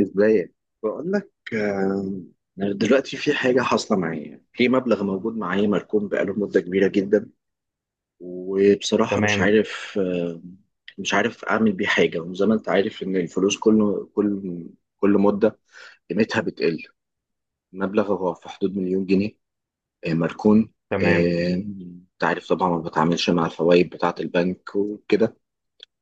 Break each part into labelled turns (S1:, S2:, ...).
S1: ازاي؟ بقول لك، دلوقتي في حاجة حاصلة معايا في مبلغ موجود معايا مركون بقاله مدة كبيرة جدا. وبصراحة مش
S2: تمام.
S1: عارف آه، مش عارف أعمل بيه حاجة. وزي ما أنت عارف إن الفلوس كل مدة قيمتها بتقل. المبلغ هو في حدود مليون جنيه، مركون.
S2: تمام
S1: أنت عارف طبعا ما بتعاملش مع الفوائد بتاعة البنك وكده.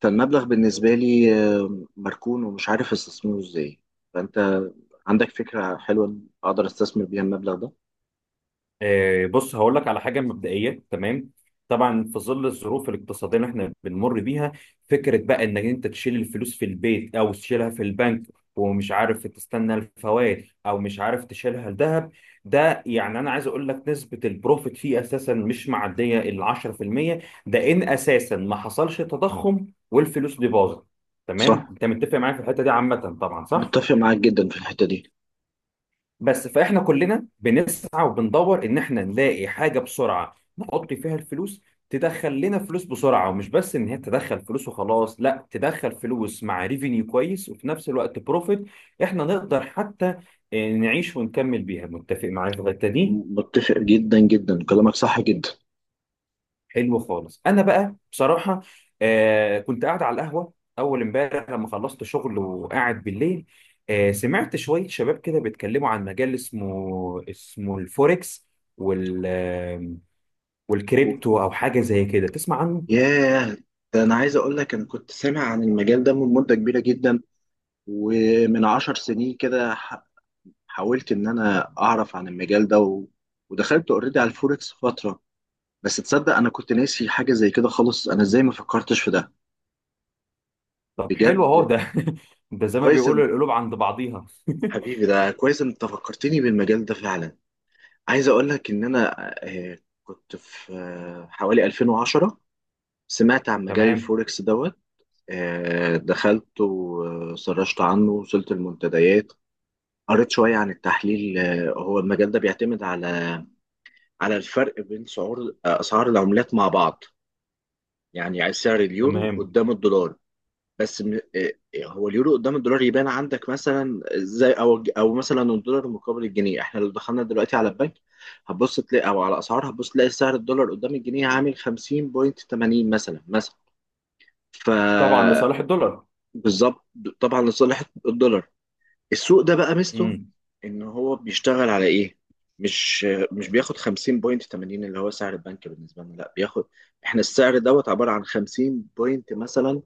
S1: فالمبلغ بالنسبة لي مركون، ومش عارف استثمره إزاي. فأنت عندك فكرة حلوة أقدر أستثمر بيها المبلغ ده؟
S2: بص، هقول لك على حاجه مبدئيه. تمام، طبعا في ظل الظروف الاقتصاديه اللي احنا بنمر بيها، فكره بقى انك انت تشيل الفلوس في البيت او تشيلها في البنك ومش عارف تستنى الفوائد او مش عارف تشيلها الذهب، ده يعني انا عايز اقول لك نسبه البروفيت فيه اساسا مش معديه ال 10%. ده ان اساسا ما حصلش تضخم والفلوس دي باظت. تمام،
S1: صح،
S2: انت متفق معايا في الحته دي عامه؟ طبعا صح.
S1: متفق معاك جدا في الحتة دي،
S2: بس فاحنا كلنا بنسعى وبندور ان احنا نلاقي حاجه بسرعه نحط فيها الفلوس، تدخل لنا فلوس بسرعه، ومش بس ان هي تدخل فلوس وخلاص، لا، تدخل فلوس مع ريفينيو كويس وفي نفس الوقت بروفيت احنا نقدر حتى نعيش ونكمل بيها. متفق معايا في الحته دي؟
S1: متفق جدا جدا، كلامك صح جدا.
S2: حلو خالص. انا بقى بصراحه كنت قاعد على القهوه اول امبارح لما خلصت شغل وقاعد بالليل، سمعت شويه شباب كده بيتكلموا عن مجال اسمه الفوركس وال آه،
S1: و-
S2: والكريبتو او حاجه زي كده. تسمع عنه؟
S1: ياه، ده أنا عايز أقول لك أنا كنت سامع عن المجال ده من مدة كبيرة جدا، ومن عشر سنين كده حاولت إن أنا أعرف عن المجال ده، ودخلت أوريدي على الفوركس فترة. بس تصدق أنا كنت ناسي حاجة زي كده خالص؟ أنا إزاي ما فكرتش في ده؟
S2: طب حلو،
S1: بجد.
S2: اهو ده. ده زي ما
S1: كويس إن-
S2: بيقولوا القلوب عند بعضيها.
S1: حبيبي، ده كويس إن أنت فكرتني بالمجال ده فعلا. عايز اقول لك ان انا كنت في حوالي 2010 سمعت عن مجال
S2: تمام.
S1: الفوركس دوت. دخلت وسرشت عنه، وصلت المنتديات، قريت شوية عن التحليل. هو المجال ده بيعتمد على الفرق بين سعور آه، أسعار العملات مع بعض. يعني سعر اليورو
S2: تمام،
S1: قدام الدولار. بس م- إيه- هو اليورو قدام الدولار يبان عندك مثلا ازاي؟ او مثلا الدولار مقابل الجنيه. احنا لو دخلنا دلوقتي على البنك هتبص تلاقي، او على اسعار هتبص تلاقي سعر الدولار قدام الجنيه عامل 50.80 مثلا، مثلا ف
S2: طبعا لصالح الدولار.
S1: بالظبط. طبعا لصالح الدولار. السوق ده بقى ميزته
S2: امم.
S1: ان هو بيشتغل على ايه؟ مش مش بياخد 50.80، اللي هو سعر البنك بالنسبه لنا، لا بياخد. احنا السعر دوت عباره عن 50 بوينت مثلا،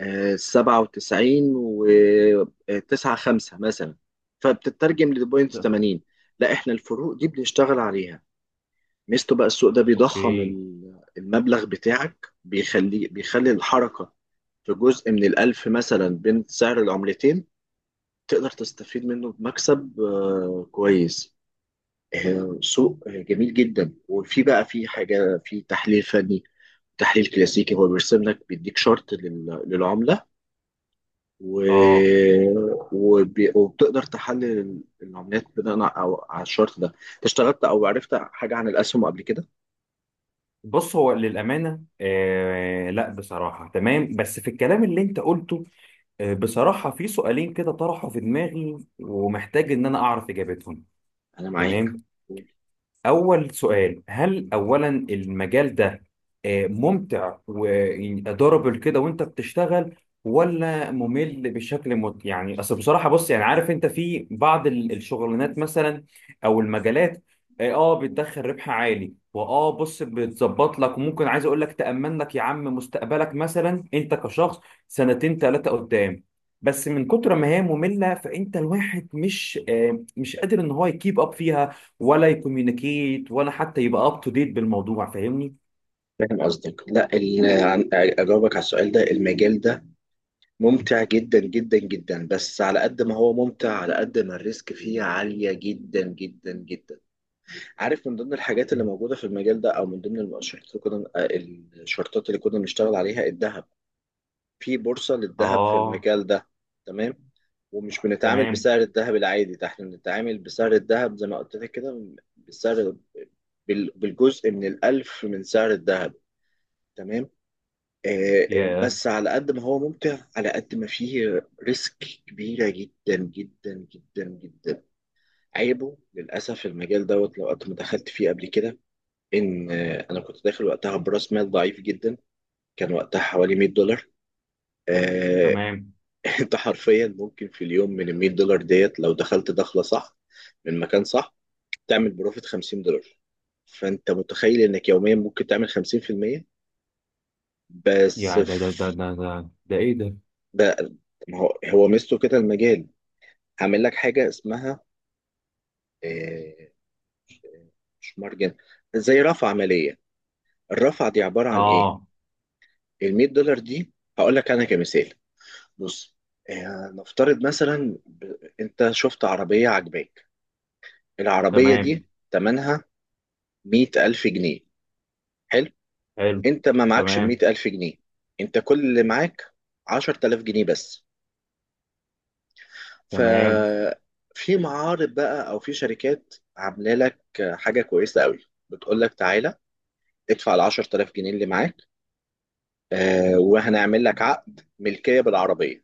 S1: سبعة وتسعين وتسعة خمسة مثلا، فبتترجم لبوينت تمانين. لا، احنا الفروق دي بنشتغل عليها. ميزته بقى السوق ده بيضخم
S2: اوكي.
S1: المبلغ بتاعك، بيخلي بيخلي الحركة في جزء من الألف مثلا بين سعر العملتين، تقدر تستفيد منه بمكسب كويس. سوق جميل جدا. وفي بقى، في حاجة في تحليل فني، تحليل كلاسيكي، هو بيرسم لك بيديك شرط للعملة، و...
S2: اه،
S1: وبتقدر تحلل العمليات بناء على الشرط ده. انت اشتغلت او عرفت حاجه عن الاسهم قبل كده؟
S2: بص، هو للأمانة لا بصراحة تمام، بس في الكلام اللي أنت قلته بصراحة في سؤالين كده طرحوا في دماغي ومحتاج إن أنا أعرف إجابتهم.
S1: انا معاك.
S2: تمام، أول سؤال: هل أولا المجال ده ممتع وضربل كده وأنت بتشتغل، ولا ممل بشكل يعني أصل بصراحة، بص، يعني عارف أنت في بعض الشغلانات مثلا أو المجالات بتدخل ربح عالي، وآه بص بتظبط لك، وممكن عايز أقول لك تأمن لك يا عم مستقبلك مثلا أنت كشخص، سنتين ثلاثة قدام، بس من كتر ما هي مملة فأنت الواحد مش مش قادر إن هو يكيب أب فيها ولا يكوميونيكيت ولا حتى يبقى اب تو ديت بالموضوع. فاهمني؟
S1: فاهم قصدك. لا، اجاوبك على السؤال ده. المجال ده ممتع جدا جدا جدا، بس على قد ما هو ممتع على قد ما الريسك فيه عاليه جدا جدا جدا. عارف، من ضمن الحاجات اللي موجوده في المجال ده، او من ضمن الشرطات اللي كنا بنشتغل عليها الذهب. في بورصة للذهب في
S2: اه.
S1: المجال ده. تمام. ومش بنتعامل
S2: تمام.
S1: بسعر الذهب العادي ده، احنا بنتعامل بسعر الذهب زي ما قلت لك كده، بسعر بالجزء من الألف من سعر الذهب. تمام.
S2: يا،
S1: بس على قد ما هو ممتع على قد ما فيه ريسك كبيرة جدا جدا جدا جدا. عيبه للأسف المجال دوت لو قد ما دخلت فيه قبل كده، إن أنا كنت داخل وقتها برأس مال ضعيف جدا. كان وقتها حوالي 100 دولار. آه،
S2: تمام.
S1: انت حرفيا ممكن في اليوم من ال 100 دولار ديت، لو دخلت دخله صح، من مكان صح، تعمل بروفيت 50 دولار. فانت متخيل انك يوميا ممكن تعمل 50%؟ بس
S2: يا، ده ده
S1: في
S2: ده ده ده ده ايه ده.
S1: ده، ما هو ميزته كده المجال، عامل لك حاجه اسمها آه، مش مارجن، زي رفع عمليه. الرفع دي عباره عن ايه؟
S2: اه
S1: ال 100 دولار دي، هقول لك انا كمثال. بص، نفترض مثلا، انت شفت عربيه عجباك. العربيه
S2: تمام.
S1: دي ثمنها مئة ألف جنيه. حلو.
S2: حلو.
S1: أنت ما معكش
S2: تمام.
S1: مئة ألف جنيه. أنت كل اللي معاك عشرة آلاف جنيه بس.
S2: تمام.
S1: ففي معارض بقى، أو في شركات عاملة لك حاجة كويسة قوي، بتقول لك تعالى ادفع ال 10000 جنيه اللي معاك، آه وهنعمل لك عقد ملكية بالعربية،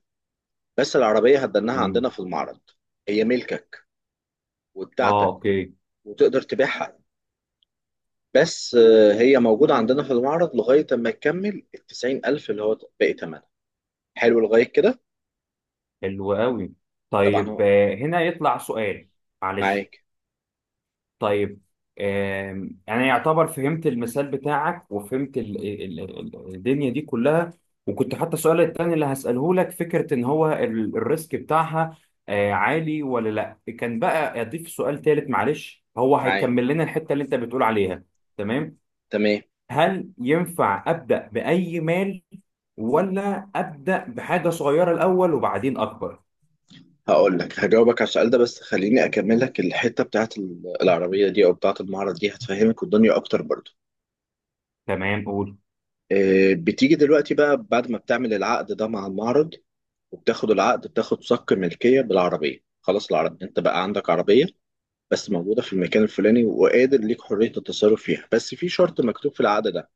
S1: بس العربية هتدنها عندنا
S2: مم.
S1: في المعرض. هي ملكك
S2: اه
S1: وبتاعتك،
S2: اوكي.
S1: وتقدر تبيعها، بس آه هي موجودة عندنا في المعرض لغاية ما تكمل ال 90000 اللي هو باقي ثمنها. حلو لغاية كده؟
S2: حلو قوي.
S1: طبعا
S2: طيب،
S1: هو
S2: هنا يطلع سؤال. معلش.
S1: معاك
S2: طيب انا يعتبر فهمت المثال بتاعك وفهمت الدنيا دي كلها، وكنت حتى السؤال التاني اللي هسأله لك فكرة ان هو الريسك بتاعها عالي ولا لا. كان بقى اضيف سؤال تالت معلش هو
S1: معاك.
S2: هيكمل لنا الحتة اللي انت بتقول عليها. تمام،
S1: تمام.
S2: هل ينفع أبدأ بأي مال، ولا أبدأ بحاجة صغيرة الأول وبعدين أكبر؟
S1: هقول لك هجاوبك على السؤال ده، بس خليني اكمل لك الحته بتاعت العربيه دي او بتاعت المعرض دي، هتفهمك الدنيا اكتر برضو.
S2: تمام، قول.
S1: بتيجي دلوقتي بقى بعد ما بتعمل العقد ده مع المعرض، وبتاخد العقد بتاخد صك ملكيه بالعربيه. خلاص العربيه انت بقى عندك عربيه، بس موجوده في المكان الفلاني، وقادر ليك حريه التصرف فيها. بس في شرط مكتوب في العقد ده،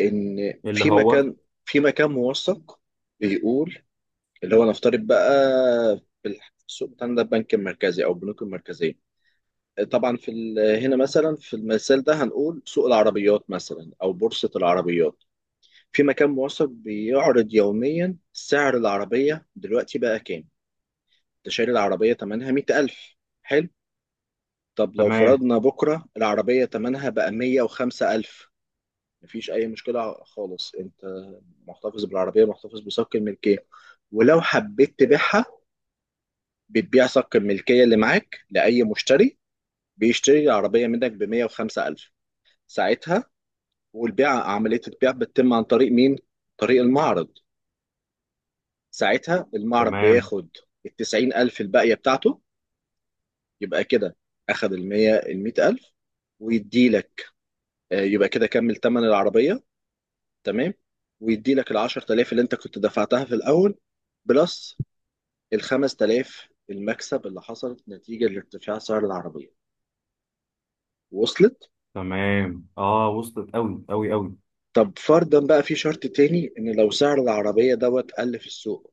S1: ان
S2: اللي هو
S1: في مكان موثق بيقول، اللي هو نفترض بقى، في السوق بتاعنا ده، البنك المركزي او البنوك المركزيه. طبعا هنا مثلا في المثال ده هنقول سوق العربيات مثلا او بورصه العربيات، في مكان موثق بيعرض يوميا سعر العربيه دلوقتي بقى كام. انت شاري العربيه ثمنها 100000. حلو. طب لو
S2: تمام.
S1: فرضنا بكره العربيه ثمنها بقى 105000، مفيش اي مشكله خالص. انت محتفظ بالعربيه، محتفظ بصك الملكيه، ولو حبيت تبيعها بتبيع صك الملكية اللي معاك لأي مشتري بيشتري العربية منك ب 105000. ساعتها، عملية البيع بتتم عن طريق مين؟ طريق المعرض. ساعتها المعرض
S2: تمام.
S1: بياخد ال 90000 الباقية بتاعته. يبقى كده، أخد ال 100000، ويديلك، يبقى كده كمل تمن العربية. تمام. ويديلك ال 10000 اللي أنت كنت دفعتها في الأول، بلس ال 5000 المكسب اللي حصل نتيجة لارتفاع سعر العربية. وصلت؟
S2: تمام. اه وصلت، قوي قوي قوي.
S1: طب فرضا بقى في شرط تاني، ان لو سعر العربيه دوت قل في السوق،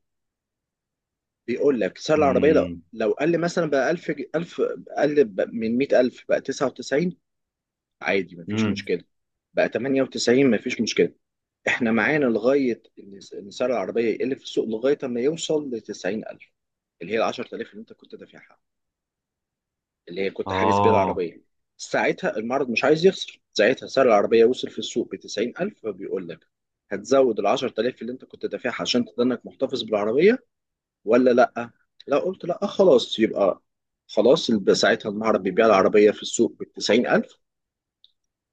S1: بيقول لك سعر العربيه لو
S2: امم.
S1: لو قل مثلا بقى 1000، 1000، قل من 100000 بقى 99، عادي مفيش
S2: امم.
S1: مشكله. بقى 98، مفيش مشكله. احنا معانا لغايه ان إن سعر العربيه يقل في السوق لغايه اما يوصل ل 90000، اللي هي ال 10000 اللي انت كنت دافعها، اللي هي كنت حاجز بيها
S2: اه.
S1: العربية. ساعتها المعرض مش عايز يخسر، ساعتها سعر العربية وصل في السوق بتسعين ألف، فبيقول لك هتزود العشر تلاف اللي انت كنت دافعها عشان تضنك محتفظ بالعربية، ولا لأ؟ لا، قلت لأ، خلاص يبقى، ساعتها المعرض بيبيع العربية في السوق بتسعين ألف،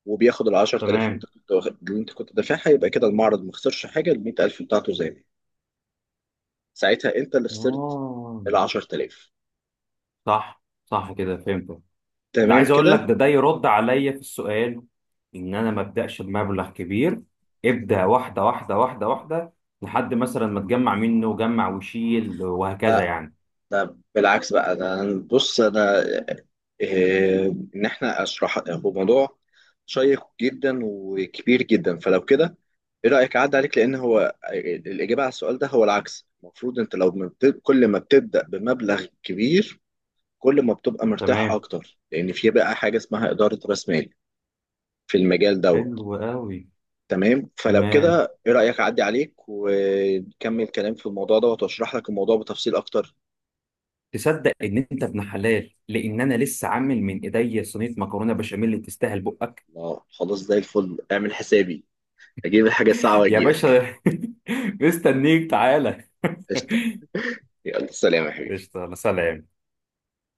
S1: وبياخد العشر تلاف اللي انت
S2: تمام.
S1: اللي انت كنت دافعها. يبقى كده المعرض ما خسرش حاجة، المية ألف بتاعته زي ما هي. ساعتها انت اللي خسرت
S2: اه.
S1: العشر تلاف.
S2: صح صح، كده فهمت. ده عايز
S1: تمام
S2: اقول لك
S1: كده؟
S2: ده ده يرد عليا في السؤال ان انا ما ابداش بمبلغ كبير، ابدا واحده واحده واحده واحده، لحد مثلا ما تجمع منه وجمع وشيل وهكذا
S1: لا،
S2: يعني.
S1: ده بالعكس بقى. ده بص انا، إيه، ان احنا اشرح، هو موضوع شيق جدا وكبير جدا، فلو كده ايه رايك اعدي عليك؟ لان هو الاجابه على السؤال ده هو العكس. المفروض انت لو ما كل ما بتبدا بمبلغ كبير كل ما بتبقى مرتاح
S2: تمام.
S1: اكتر، لان في بقى حاجه اسمها اداره راس مال في المجال دوت.
S2: حلو قوي.
S1: تمام. فلو
S2: تمام،
S1: كده ايه رايك اعدي عليك ونكمل كلام في الموضوع دوت، واشرح لك الموضوع بتفصيل اكتر.
S2: تصدق ان انت ابن حلال لان انا لسه عامل من ايديا صينيه مكرونه بشاميل اللي تستاهل بقك.
S1: اه خلاص زي الفل، اعمل حسابي اجيب الحاجة الصعبة
S2: يا
S1: واجيلك.
S2: باشا. مستنيك، تعالى.
S1: قشطة. يلا سلام يا حبيبي.
S2: قشطة. أنا سلام.